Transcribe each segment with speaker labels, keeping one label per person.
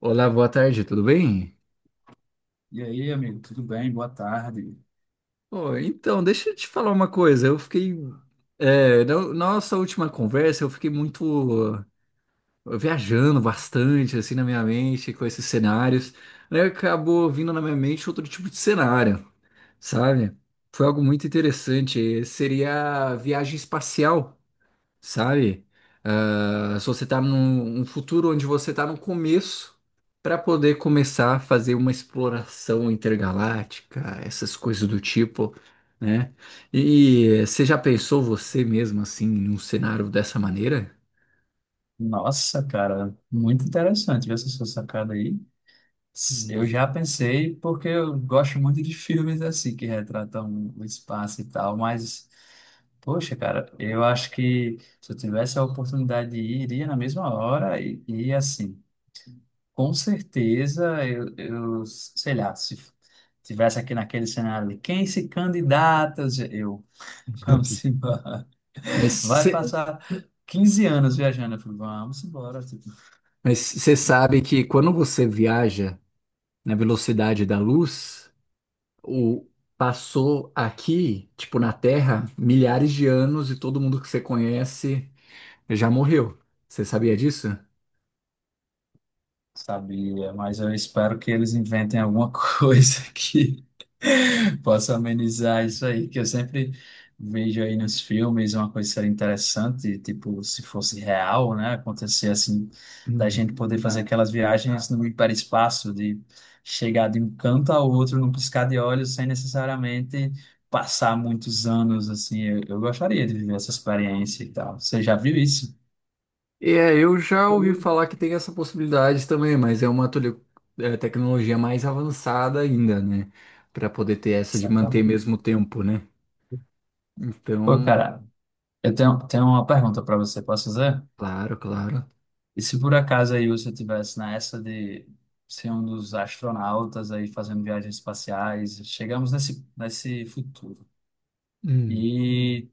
Speaker 1: Olá, boa tarde, tudo bem?
Speaker 2: E aí, amigo, tudo bem? Boa tarde.
Speaker 1: Ô, então, deixa eu te falar uma coisa. Eu fiquei. É, na na nossa última conversa, eu fiquei muito uh, viajando bastante, assim, na minha mente, com esses cenários. Aí acabou vindo na minha mente outro tipo de cenário, sabe? Foi algo muito interessante. Seria a viagem espacial. Sabe? Se você está num futuro onde você está no começo, para poder começar a fazer uma exploração intergaláctica, essas coisas do tipo, né? E você já pensou você mesmo assim num cenário dessa maneira?
Speaker 2: Nossa, cara, muito interessante ver essa sua sacada aí.
Speaker 1: Hum.
Speaker 2: Eu já pensei, porque eu gosto muito de filmes assim, que retratam o espaço e tal, mas, poxa, cara, eu acho que se eu tivesse a oportunidade de ir, iria na mesma hora e assim, com certeza, eu, sei lá, se f- tivesse aqui naquele cenário ali, quem se candidata? Eu, vamos embora.
Speaker 1: Mas
Speaker 2: Vai
Speaker 1: você
Speaker 2: passar 15 anos viajando. Eu falei, vamos embora.
Speaker 1: mas você sabe que quando você viaja na velocidade da luz, o passou aqui, tipo na Terra, milhares de anos e todo mundo que você conhece já morreu. Você sabia disso?
Speaker 2: Sabia, mas eu espero que eles inventem alguma coisa que possa amenizar isso aí, que eu sempre vejo aí nos filmes uma coisa que seria interessante, tipo, se fosse real, né? Acontecer assim, da
Speaker 1: Hum.
Speaker 2: gente poder fazer aquelas viagens no hiperespaço, de chegar de um canto ao outro num piscar de olhos, sem necessariamente passar muitos anos, assim. Eu gostaria de viver essa experiência e tal. Você já viu isso?
Speaker 1: Eu já ouvi falar que tem essa possibilidade também, mas é uma tecnologia mais avançada ainda, né? Para poder ter essa de manter
Speaker 2: Exatamente.
Speaker 1: mesmo tempo, né?
Speaker 2: Pô,
Speaker 1: Então,
Speaker 2: cara. Eu tenho uma pergunta para você, posso fazer?
Speaker 1: claro, claro.
Speaker 2: E se por acaso aí você tivesse nessa de ser um dos astronautas aí fazendo viagens espaciais, chegamos nesse futuro
Speaker 1: Hum.
Speaker 2: e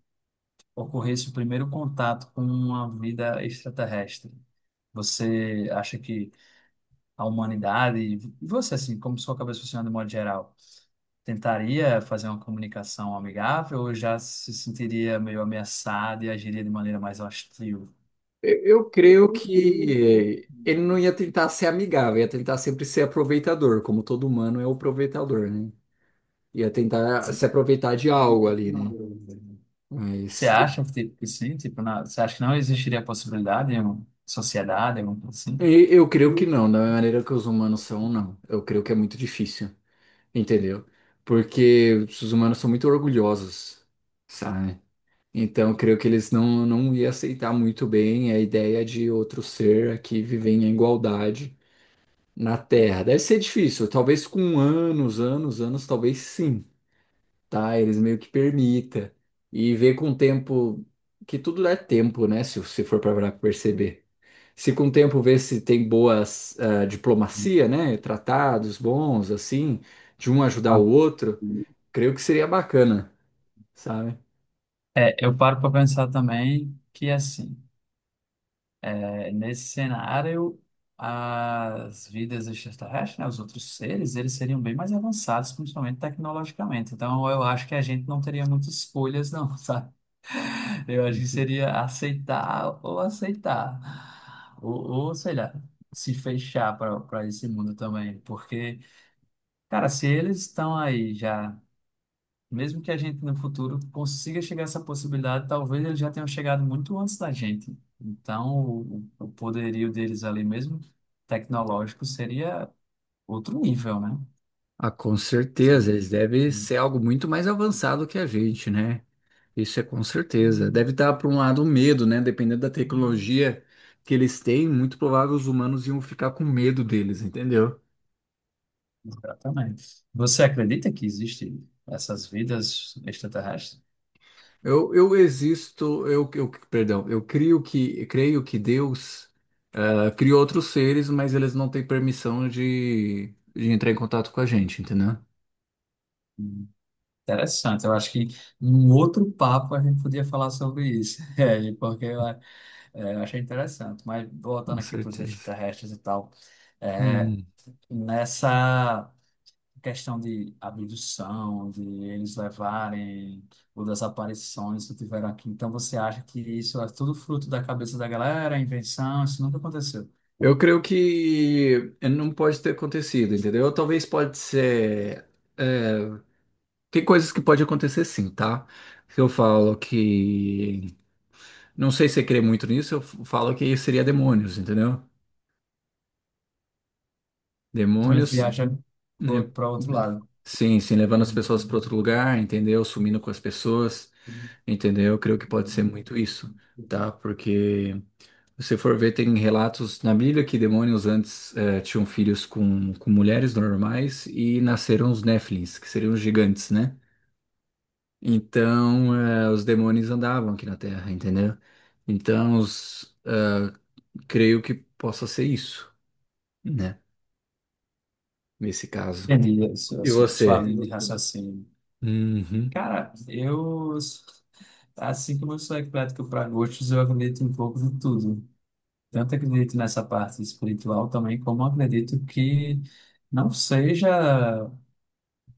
Speaker 2: ocorresse o primeiro contato com uma vida extraterrestre, você acha que a humanidade, e você assim, como sua cabeça funciona de modo geral, tentaria fazer uma comunicação amigável ou já se sentiria meio ameaçado e agiria de maneira mais hostil?
Speaker 1: Eu creio que ele não ia tentar ser amigável, ia tentar sempre ser aproveitador, como todo humano é o aproveitador, né? Ia tentar se aproveitar de algo ali, né?
Speaker 2: Você
Speaker 1: Mas
Speaker 2: acha que tipo, que sim? Tipo, você acha que não existiria a possibilidade de uma sociedade, alguma coisa assim?
Speaker 1: Eu creio que não, da maneira que os humanos são, não. Eu creio que é muito difícil, entendeu? Porque os humanos são muito orgulhosos, sabe? Então, eu creio que eles não, não iam aceitar muito bem a ideia de outro ser aqui viver em igualdade na Terra. Deve ser difícil, talvez com anos, anos, anos, talvez sim, tá? Eles meio que permita. E ver com o tempo, que tudo dá tempo, né? Se for para perceber. Se com o tempo ver se tem boas diplomacia, né? Tratados bons, assim, de um ajudar
Speaker 2: Ah.
Speaker 1: o outro, creio que seria bacana, sabe?
Speaker 2: É, eu paro para pensar também que, assim, é, nesse cenário, as vidas extraterrestres, né, os outros seres, eles seriam bem mais avançados, principalmente tecnologicamente. Então, eu acho que a gente não teria muitas escolhas, não, sabe? Eu acho que seria aceitar ou aceitar. Ou sei lá, se fechar para esse mundo também. Porque, cara, se eles estão aí já, mesmo que a gente no futuro consiga chegar a essa possibilidade, talvez eles já tenham chegado muito antes da gente. Então, o poderio deles ali mesmo, tecnológico, seria outro nível, né?
Speaker 1: Ah, com certeza, eles devem ser algo muito mais avançado que a gente, né? Isso é com certeza. Deve estar, por um lado, um medo, né? Dependendo da tecnologia que eles têm, muito provável os humanos iam ficar com medo deles, entendeu?
Speaker 2: Exatamente. Você acredita que existem essas vidas extraterrestres?
Speaker 1: Eu existo, eu, perdão, creio que Deus criou outros seres, mas eles não têm permissão de entrar em contato com a gente, entendeu?
Speaker 2: Interessante, eu acho que em outro papo a gente podia falar sobre isso, É, e porque é, eu achei interessante. Mas
Speaker 1: Com
Speaker 2: voltando aqui para os
Speaker 1: certeza.
Speaker 2: extraterrestres e tal, é,
Speaker 1: Hum.
Speaker 2: nessa questão de abdução, de eles levarem ou das aparições que tiveram aqui, então você acha que isso é tudo fruto da cabeça da galera, invenção? Isso nunca aconteceu.
Speaker 1: Eu creio que não pode ter acontecido, entendeu? Talvez pode ser. é, Tem coisas que pode acontecer sim, tá? Se Eu falo que. Não sei se você crê muito nisso, eu falo que seria demônios, entendeu?
Speaker 2: Também
Speaker 1: Demônios,
Speaker 2: viaja
Speaker 1: né?
Speaker 2: para outro lado.
Speaker 1: Sim, sim, levando as pessoas para outro lugar, entendeu? Sumindo com as pessoas, entendeu? Eu creio que pode ser muito isso, tá? Porque se você for ver, tem relatos na Bíblia que demônios antes tinham filhos com mulheres normais e nasceram os Néfilins, que seriam os gigantes, né? Então, os demônios andavam aqui na Terra, entendeu? Então, creio que possa ser isso, né? Nesse caso.
Speaker 2: Entendi a
Speaker 1: E
Speaker 2: sua
Speaker 1: você?
Speaker 2: linha de raciocínio.
Speaker 1: Uhum.
Speaker 2: Cara, eu, assim como eu sou eclético para gostos, eu acredito um pouco de tudo. Tanto acredito nessa parte espiritual também, como acredito que não seja,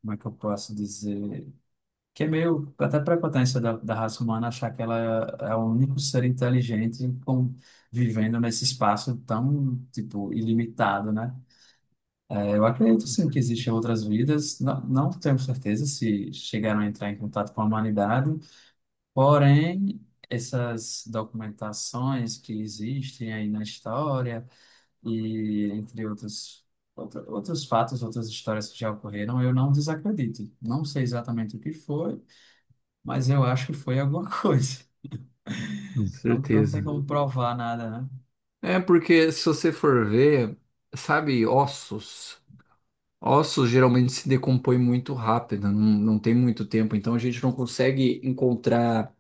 Speaker 2: como é que eu posso dizer, que é meio até prepotência da raça humana achar que ela é o único ser inteligente com, vivendo nesse espaço tão, tipo, ilimitado, né? É, eu acredito sim que existem outras vidas, não tenho certeza se chegaram a entrar em contato com a humanidade, porém, essas documentações que existem aí na história e entre outros, outros fatos, outras histórias que já ocorreram, eu não desacredito. Não sei exatamente o que foi, mas eu acho que foi alguma coisa.
Speaker 1: Com
Speaker 2: Não tem
Speaker 1: certeza.
Speaker 2: como provar nada, né?
Speaker 1: É porque se você for ver, sabe, ossos. Ossos geralmente se decompõem muito rápido, não, não tem muito tempo, então a gente não consegue encontrar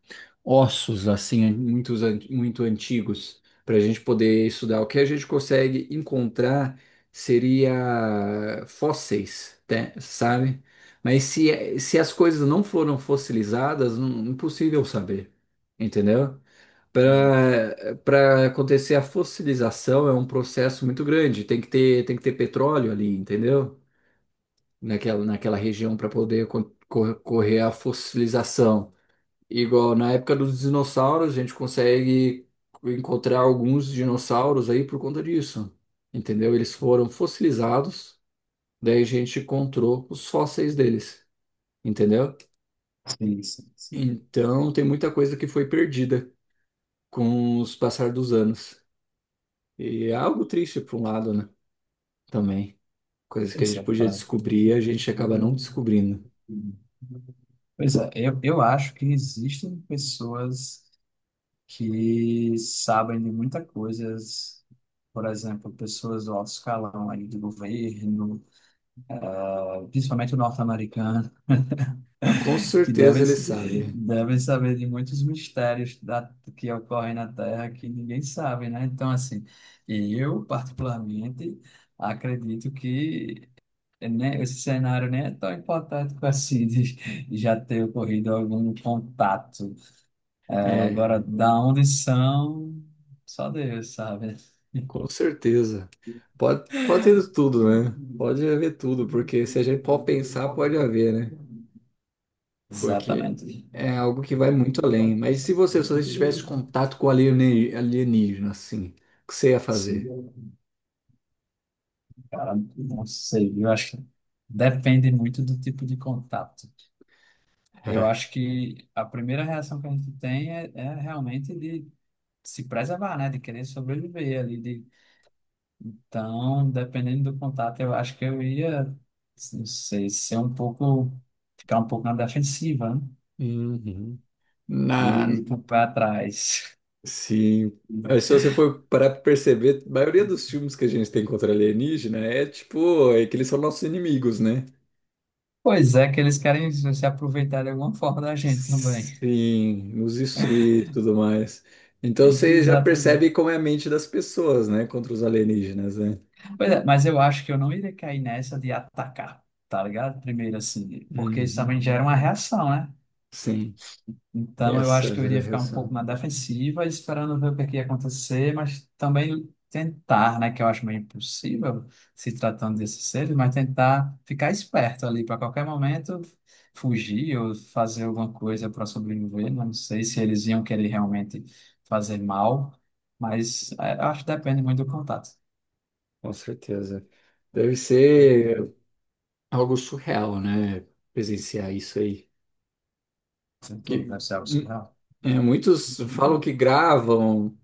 Speaker 1: ossos assim, muitos, muito antigos, para a gente poder estudar. O que a gente consegue encontrar seria fósseis, né, sabe? Mas se as coisas não foram fossilizadas, não, impossível saber, entendeu? Para acontecer a fossilização é um processo muito grande. Tem que ter petróleo ali, entendeu? Naquela, naquela região para poder correr a fossilização. Igual na época dos dinossauros, a gente consegue encontrar alguns dinossauros aí por conta disso, entendeu? Eles foram fossilizados, daí a gente encontrou os fósseis deles, entendeu?
Speaker 2: Sim, sim, sim.
Speaker 1: Então tem muita coisa que foi perdida com os passar dos anos. E é algo triste por um lado, né? Também. Coisas que a
Speaker 2: Isso
Speaker 1: gente
Speaker 2: é
Speaker 1: podia
Speaker 2: claro.
Speaker 1: descobrir, a gente acaba não descobrindo.
Speaker 2: Pois é, eu acho que existem pessoas que sabem de muitas coisas, por exemplo, pessoas do alto escalão aí do governo, principalmente o norte-americano,
Speaker 1: Ah, com
Speaker 2: que devem,
Speaker 1: certeza ele sabe.
Speaker 2: devem saber de muitos mistérios da, que ocorrem na Terra que ninguém sabe, né? Então, assim, eu particularmente acredito que né, esse cenário nem é tão hipotético assim de já ter ocorrido algum contato. Agora,
Speaker 1: É,
Speaker 2: da onde são, só Deus sabe.
Speaker 1: com certeza. Pode, pode ter tudo, né? Pode haver tudo, porque se a gente for pensar, pode haver, né? Porque
Speaker 2: Exatamente.
Speaker 1: é algo que vai muito além. Mas e se você, se você tivesse contato com alienígena, assim, o que você ia fazer?
Speaker 2: Sim. Cara, não sei, eu acho que depende muito do tipo de contato. Eu acho que a primeira reação que a gente tem é realmente de se preservar, né? De querer sobreviver ali. De... Então, dependendo do contato, eu acho que eu ia, não sei, ser um pouco, ficar um pouco na defensiva, né?
Speaker 1: Uhum.
Speaker 2: E
Speaker 1: Na,
Speaker 2: ir com o pé atrás.
Speaker 1: sim. Aí, se você for parar pra perceber, a maioria dos filmes que a gente tem contra alienígena é tipo, é que eles são nossos inimigos, né?
Speaker 2: Pois é, que eles querem se aproveitar de alguma forma da gente também.
Speaker 1: Sim, nos destruir e tudo mais. Então você já
Speaker 2: Exatamente.
Speaker 1: percebe como é a mente das pessoas, né? Contra os alienígenas, né?
Speaker 2: Pois é, mas eu acho que eu não iria cair nessa de atacar, tá ligado? Primeiro, assim, porque isso
Speaker 1: Uhum.
Speaker 2: também gera uma reação, né?
Speaker 1: Sim,
Speaker 2: Então, eu acho
Speaker 1: essa
Speaker 2: que eu iria ficar um pouco
Speaker 1: geração,
Speaker 2: na defensiva, esperando ver o que é que ia acontecer, mas também tentar, né, que eu acho meio impossível se tratando desses seres, mas tentar ficar esperto ali para qualquer momento fugir ou fazer alguma coisa para sobreviver. Não sei se eles iam querer realmente fazer mal, mas é, eu acho que depende muito do contato.
Speaker 1: com certeza. Deve ser algo surreal, né? Presenciar isso aí.
Speaker 2: Sem tudo,
Speaker 1: Que,
Speaker 2: deve ser algo
Speaker 1: hum,
Speaker 2: surreal.
Speaker 1: é, muitos falam que gravam,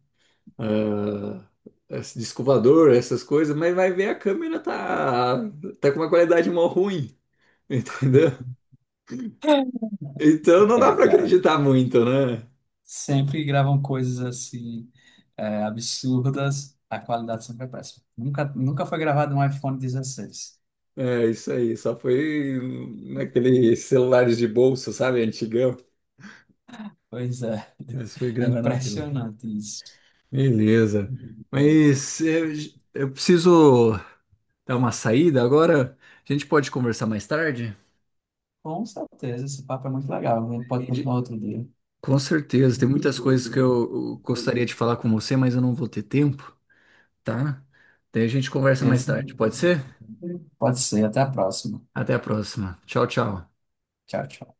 Speaker 1: ah, esse disco voador, essas coisas, mas vai ver a câmera tá com uma qualidade mó ruim, entendeu? Então não dá
Speaker 2: É,
Speaker 1: pra
Speaker 2: cara.
Speaker 1: acreditar muito, né?
Speaker 2: Sempre gravam coisas assim, é, absurdas, a qualidade sempre é péssima. Nunca, nunca foi gravado um iPhone 16.
Speaker 1: É isso aí, só foi naquele celulares de bolso, sabe, antigão.
Speaker 2: Pois é,
Speaker 1: Mas foi
Speaker 2: é
Speaker 1: gravar naquele.
Speaker 2: impressionante isso.
Speaker 1: Beleza. Mas eu, eu preciso dar uma saída agora. A gente pode conversar mais tarde?
Speaker 2: Com certeza, esse papo é muito legal. A gente pode
Speaker 1: Entendi.
Speaker 2: continuar outro dia.
Speaker 1: Com certeza, tem muitas coisas que eu gostaria de falar com você, mas eu não vou ter tempo. Tá? Daí a gente conversa mais
Speaker 2: Esse-
Speaker 1: tarde, pode ser?
Speaker 2: pode ser, até a próxima.
Speaker 1: Até a próxima. Tchau, tchau.
Speaker 2: Tchau, tchau.